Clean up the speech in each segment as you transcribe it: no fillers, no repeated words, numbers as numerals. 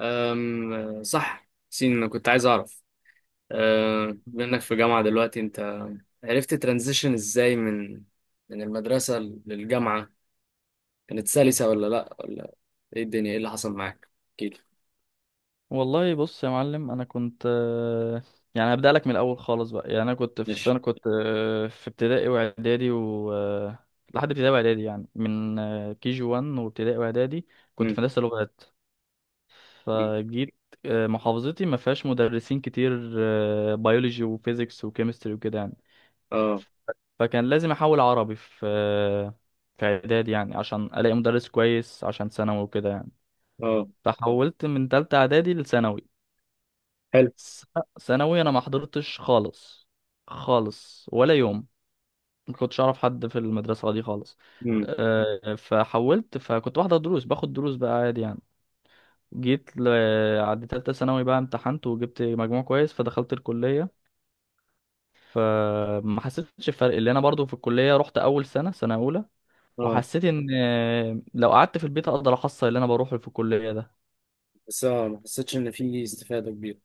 صح سين، انا كنت عايز اعرف. بما انك في جامعة دلوقتي، انت عرفت ترانزيشن ازاي من المدرسة للجامعة؟ كانت سلسة ولا لا؟ ولا ايه الدنيا، ايه اللي حصل معاك؟ اكيد. والله بص يا معلم، انا كنت يعني هبدأ لك من الاول خالص بقى. يعني انا كنت في السنه ماشي. كنت في ابتدائي واعدادي و لحد ابتدائي واعدادي، يعني من كي جي 1 وابتدائي واعدادي كنت مم. في هندسه لغات. مم. فجيت محافظتي ما فيهاش مدرسين كتير بيولوجي وفيزيكس وكيمستري وكده يعني. اه. فكان لازم احول عربي في اعدادي يعني عشان الاقي مدرس كويس عشان ثانوي وكده يعني. اه. فحولت من تالتة اعدادي لثانوي. حلو. س- ثانوي انا ما حضرتش خالص خالص، ولا يوم. ما كنتش اعرف حد في المدرسة دي خالص. مم. فحولت، فكنت بحضر دروس، باخد دروس بقى عادي يعني. جيت ل... عند تالتة ثانوي بقى امتحنت وجبت مجموع كويس فدخلت الكلية. فما حسيتش بفرق، اللي انا برضو في الكلية رحت اول سنة سنة اولى اه. وحسيت ان لو قعدت في البيت اقدر احصل اللي انا بروحه في الكليه ده. بس اه، ما حسيتش ان في استفادة كبيرة.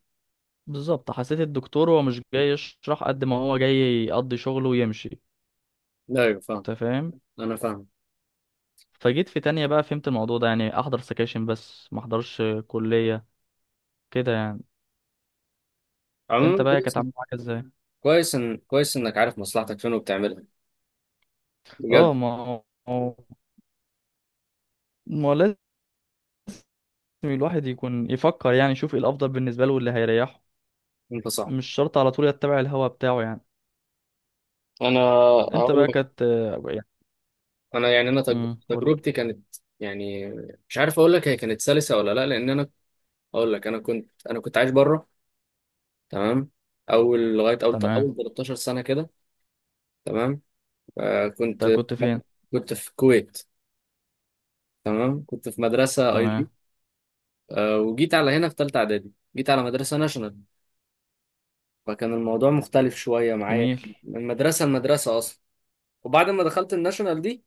بالظبط، حسيت الدكتور هو مش جاي يشرح قد ما هو جاي يقضي شغله ويمشي. لا، ايوه، فاهم. انت فاهم. انا فاهم. فجيت في تانية بقى فهمت الموضوع ده، يعني احضر سكاشن بس ما احضرش كليه كده يعني. انت عموما بقى كانت كويس. عامل معاك ازاي؟ كويس انك عارف مصلحتك فين وبتعملها بجد. اه، ما هو ما هو لازم الواحد يكون يفكر، يعني يشوف ايه الافضل بالنسبه له واللي هيريحه. انت صح. مش شرط على طول يتبع الهوا بتاعه يعني. انا انت هقول. بقى كانت يعني. انا يعني امم، قول. تجربتي كانت، يعني مش عارف اقول لك، هي كانت سلسه ولا لا. لان انا اقول لك، انا كنت عايش بره. تمام. اول لغايه اول تمام. اول 13 سنه كده. تمام. آه كنت انت كنت فين؟ كنت في الكويت. تمام، كنت في مدرسه اي جي. تمام. آه، وجيت على هنا في ثالثه اعدادي، جيت على مدرسه ناشونال، فكان الموضوع مختلف شويه معايا، جميل. من مدرسه لمدرسه اصلا. وبعد ما دخلت الناشونال دي،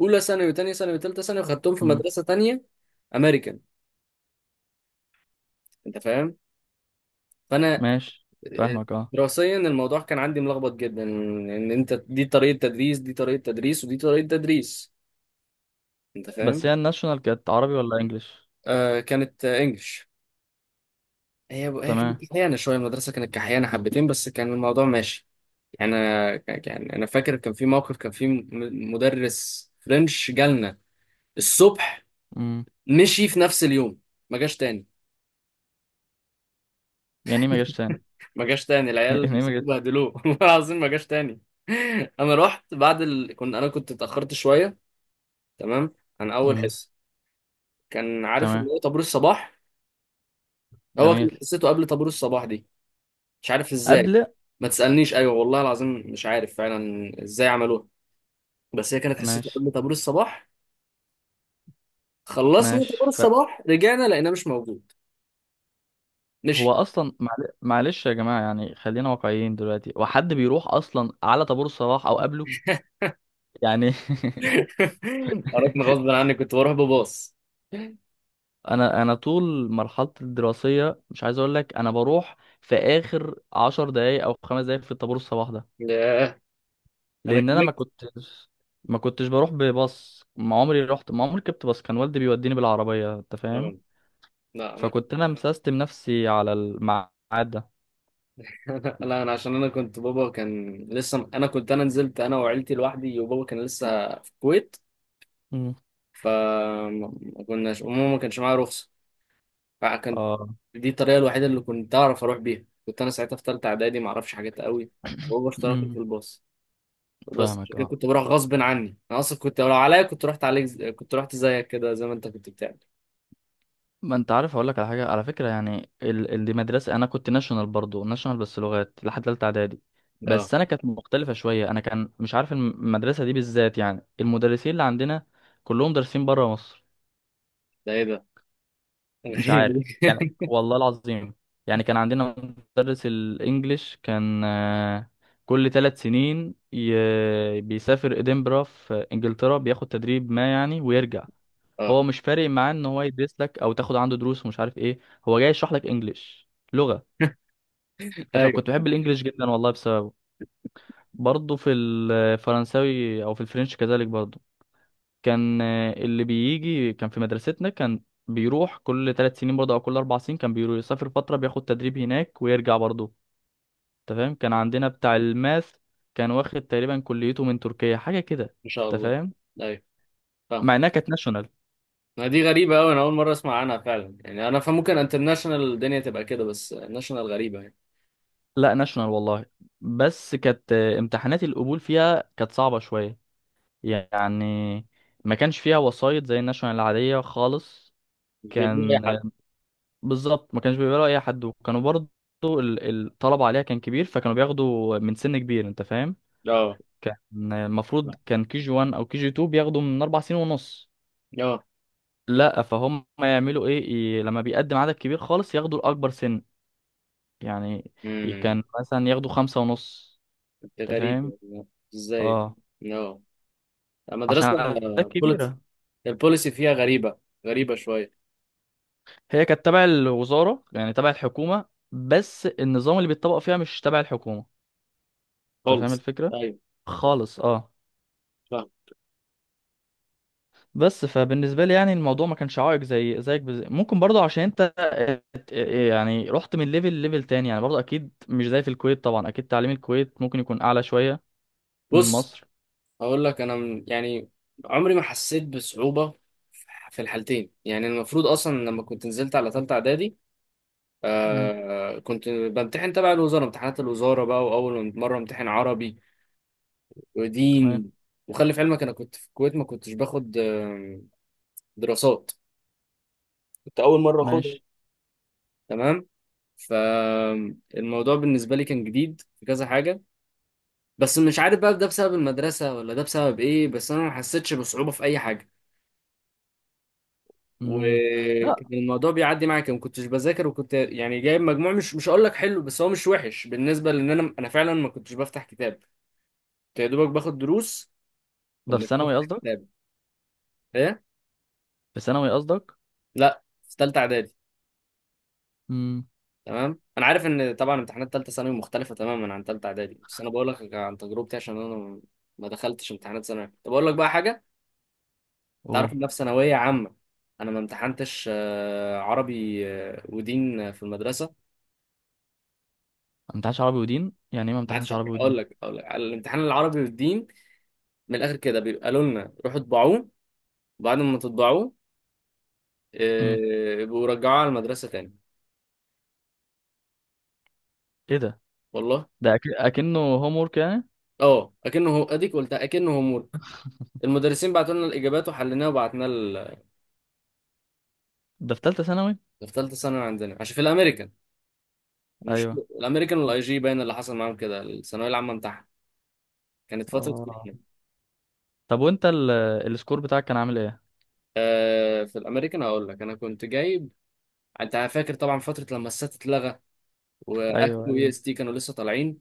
اولى ثانوي وثانيه ثانوي وثالثه ثانوي خدتهم في مم. مدرسه ثانيه امريكان. انت فاهم؟ فانا ماشي. فاهمك اه. دراسيا الموضوع كان عندي ملخبط جدا، ان انت دي طريقة تدريس، دي طريقة تدريس، ودي طريقة تدريس. انت فاهم؟ بس هي الناشونال كانت عربي ولا انجليش؟ آه كانت آه، انجلش. هي تمام. كانت كحيانة شوية، المدرسة كانت كحيانة حبتين، بس كان الموضوع ماشي. يعني انا فاكر كان في موقف، كان في مدرس فرنش جالنا الصبح، مم. مشي في نفس اليوم، ما جاش تاني. يعني ايه ما جاش تاني؟ ما جاش تاني، العيال يعني ايه ما جاش؟ مسكوه بهدلوه والله العظيم ما جاش تاني. انا رحت بعد كنت اتأخرت شوية. تمام. عن اول مم. حصة. كان عارف تمام. اللي هو طابور الصباح. هو جميل. كان قصته قبل طابور الصباح دي. مش عارف ازاي. قبل. ما تسألنيش، ايوه والله العظيم، مش عارف فعلا ازاي عملوها. بس هي كانت حصته ماشي. قبل طابور الصباح. خلصنا ماشي. طابور الصباح، رجعنا لقيناه مش موجود. فهو مشي. اصلا معلش يا جماعه، يعني خلينا واقعيين دلوقتي، وحد بيروح اصلا على طابور الصباح او قبله يعني؟ عرفنا غصب عني، كنت بروح بباص. انا طول مرحلتي الدراسيه مش عايز اقول لك، انا بروح في اخر عشر دقايق او خمس دقايق في الطابور الصباح ده. ياه. انا لان انا ما كملت. كنتش ما كنتش بروح بباص، ما عمري رحت، ما عمري ركبت باص. كان والدي بيوديني بالعربيه. انت فاهم. آه. لا انا. فكنت انا مسستم نفسي على الميعاد ده. لا انا، عشان انا كنت بابا كان لسه. انا نزلت انا وعيلتي لوحدي، وبابا كان لسه في الكويت. مم. فما كناش، وماما ما كانش معايا رخصه، فكانت اه. دي الطريقه الوحيده اللي كنت اعرف اروح بيها. كنت انا ساعتها في ثالثه اعدادي، ما اعرفش حاجات قوي، وهو اشتركني مم. في الباص. بس عشان فاهمك كده اه. كنت بروح غصب عني. انا اصلا كنت، لو عليا، كنت رحت عليك كنت رحت زيك كده، زي ما انت كنت بتعمل. ما انت عارف اقول لك على حاجه على فكره، يعني دي مدرسه انا كنت ناشونال، برضو ناشونال بس لغات لحد ثالثه اعدادي. اه. بس انا كانت مختلفه شويه، انا كان مش عارف المدرسه دي بالذات، يعني المدرسين اللي عندنا كلهم دارسين بره مصر. ده ايه ده؟ مش غريبه عارف دي. يعني، والله العظيم. يعني كان عندنا مدرس الانجليش كان كل ثلاث سنين بيسافر ادنبرا في انجلترا بياخد تدريب ما يعني ويرجع. اه. هو مش فارق معاه ان هو يدرس لك او تاخد عنده دروس ومش عارف ايه، هو جاي يشرح لك انجليش لغة. ايوه. فكنت بحب الانجليش جدا والله بسببه. برضه في الفرنساوي او في الفرنش كذلك برضه، كان اللي بيجي كان في مدرستنا كان بيروح كل ثلاث سنين برضه او كل اربع سنين، كان بيروح يسافر فتره بياخد تدريب هناك ويرجع برضه. انت فاهم. كان عندنا بتاع الماث كان واخد تقريبا كليته من تركيا حاجه كده. ان شاء انت الله. فاهم. ايوه، فاهم. مع انها كانت ناشونال. ما دي غريبه قوي، انا اول مره اسمع عنها فعلا. يعني انا، فممكن انترناشونال الدنيا تبقى كده، بس ناشونال غريبه يعني. لا ناشونال والله. بس كانت امتحانات القبول فيها كانت صعبه شويه يعني، ما كانش فيها وسايط زي الناشونال العاديه خالص. مش بيقبلوا اي كان حد. بالظبط ما كانش بيقبلوا اي حد، وكانوا برضو الطلب عليها كان كبير، فكانوا بياخدوا من سن كبير. انت فاهم. اه. كان المفروض كان كي جي 1 او كي جي 2 بياخدوا من اربع سنين ونص، اه. لا فهم يعملوا ايه، لما بيقدم عدد كبير خالص ياخدوا الاكبر سن يعني. امم كان مثلا ياخدوا خمسة ونص. انت فاهم. غريبه ازاي. اه، اه. عشان المدرسة عدد كبيرة. البوليسي فيها غريبة، غريبة شوية. هي كانت تبع الوزارة يعني تبع الحكومة، بس النظام اللي بيتطبق فيها مش تبع الحكومة. انت فاهم خالص. الفكرة. أيوة. خالص اه. فاهم. بس فبالنسبة لي يعني الموضوع ما كانش عائق زي زيك. ممكن برضه عشان انت ات- يعني رحت من ليفل ليفل تاني، يعني برضه اكيد مش زي في الكويت. طبعا اكيد تعليم الكويت ممكن يكون اعلى شوية من بص، مصر. هقول لك. أنا يعني عمري ما حسيت بصعوبة في الحالتين. يعني المفروض أصلا لما كنت نزلت على تالتة إعدادي، مم. كنت بمتحن تبع الوزارة، امتحانات الوزارة بقى، وأول مرة امتحن عربي تمام. ودين. وخلي في علمك أنا كنت في الكويت ما كنتش باخد دراسات، كنت اول مره اخدها. ماشي. تمام. فالموضوع بالنسبة لي كان جديد في كذا حاجة. بس مش عارف بقى ده بسبب المدرسة ولا ده بسبب ايه، بس انا ما حسيتش بصعوبة في اي حاجة. مم. لا، وكان الموضوع بيعدي معايا كده، ما كنتش بذاكر، وكنت يعني جايب مجموع مش هقول لك حلو، بس هو مش وحش بالنسبة، لان انا فعلا ما كنتش بفتح كتاب. كنت يا دوبك باخد دروس ده في ومش ثانوي بفتح قصدك؟ كتاب. ايه. في ثانوي قصدك؟ لا، في ثالثة اعدادي. امم، تمام، انا عارف ان طبعا امتحانات ثالثة ثانوي مختلفة تماما عن ثالثة اعدادي، بس انا بقول لك عن تجربتي، عشان انا ما دخلتش امتحانات ثانوي. طب اقول لك بقى حاجة، تعرف قول. إن أنا في ثانوية عامة أنا ما امتحنتش عربي ودين في المدرسة. ما امتحنش عربي ودين، يعني ايه ما ما امتحنش عادش، عربي أقول ودين؟ لك، أقول لك على الامتحان العربي والدين، من الآخر كده بيبقى لنا روحوا اطبعوه، وبعد ما تطبعوه امم. يبقوا رجعوه على المدرسة تاني. ايه ده؟ والله. ده اكنه هوم ورك يعني؟ اه، اكنه هو، اديك قلتها، اكنه هوم ورك. المدرسين بعتوا لنا الاجابات وحليناها وبعتنا ال-. ده في ثالثة ثانوي؟ في ثالثه ثانوي عندنا، عشان في الامريكان، مش ايوه. الامريكان والاي جي، باين اللي حصل معاهم كده الثانويه العامه بتاعها كانت فتره اه، امتحان. طب وانت السكور بتاعك كان عامل ايه؟ في الامريكان هقول لك انا كنت جايب. انت فاكر طبعا فتره لما السات اتلغى، واكت ايوه واي ايوه. اس تي كانوا لسه طالعين،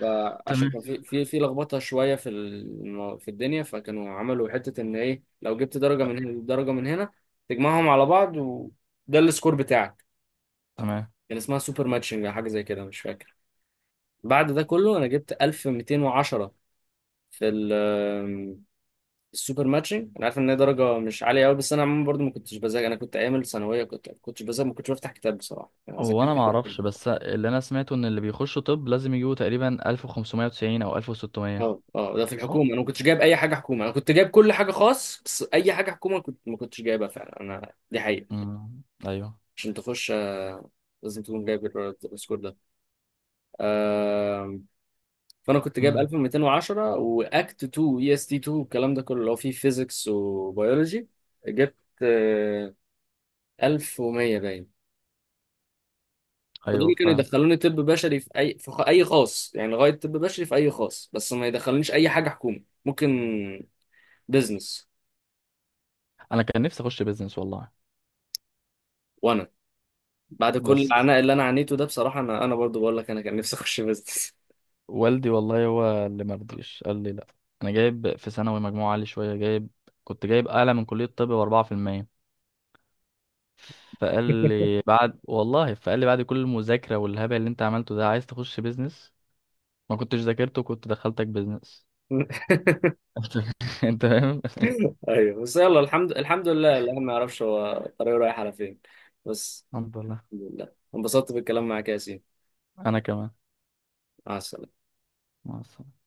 فعشان تمام. كان في لخبطه شويه في الدنيا، فكانوا عملوا حته ان ايه لو جبت درجه من هنا ودرجه من هنا، تجمعهم على بعض وده السكور بتاعك. تمام. كان اسمها سوبر ماتشنج او حاجه زي كده، مش فاكر. بعد ده كله انا جبت 1210 في ال- السوبر ماتشنج. انا عارف ان هي درجه مش عاليه قوي، بس انا عموما برضو ما كنتش بذاكر. انا كنت ايام الثانويه كنت ما كنتش بذاكر، ما كنتش بفتح كتاب بصراحه. انا هو ذاكرت. انا ما اعرفش، بس اللي انا سمعته ان اللي بيخشوا طب لازم يجيبوا تقريبا 1590 او 1600. اه. اه، ده في الحكومه، صح؟ انا ما كنتش جايب اي حاجه حكومه، انا كنت جايب كل حاجه خاص، بس اي حاجه حكومه كنت ما كنتش جايبها فعلا. انا دي حقيقه. امم. ايوه. عشان تخش لازم تكون جايب ال- السكور ده. آه فانا كنت جايب امم. 1210 واكت 2 اي اس تي 2، والكلام ده كله اللي هو فيه فيزيكس وبيولوجي، جبت آه 1100 باين. ايوه، فدول كانوا فاهم. يدخلوني طب بشري، في اي خاص يعني، لغايه طب بشري في اي خاص، بس ما يدخلونيش اي حاجه حكومه، ممكن بزنس. انا كان نفسي اخش بيزنس والله. بعد كل بس العناء اللي انا عانيته ده بصراحه، انا برضو بقول لك انا كان نفسي اخش بيزنس. والدي والله هو اللي ما رضيش، قال لي لا. انا جايب في ثانوي مجموع عالي شويه، جايب، كنت جايب اعلى من كليه الطب ب 4%. فقال لي بعد والله، فقال لي بعد كل المذاكره والهبل اللي انت عملته ده عايز تخش بيزنس؟ ما كنتش ذاكرته كنت دخلتك بيزنس. انت فاهم. ايوه، بس يلا، الحمد لله. الواحد ما يعرفش هو طريقه رايح على فين. بس الحمد لله. الحمد لله انبسطت بالكلام معاك يا ياسين. انا كمان. مع السلامه. مع السلامة.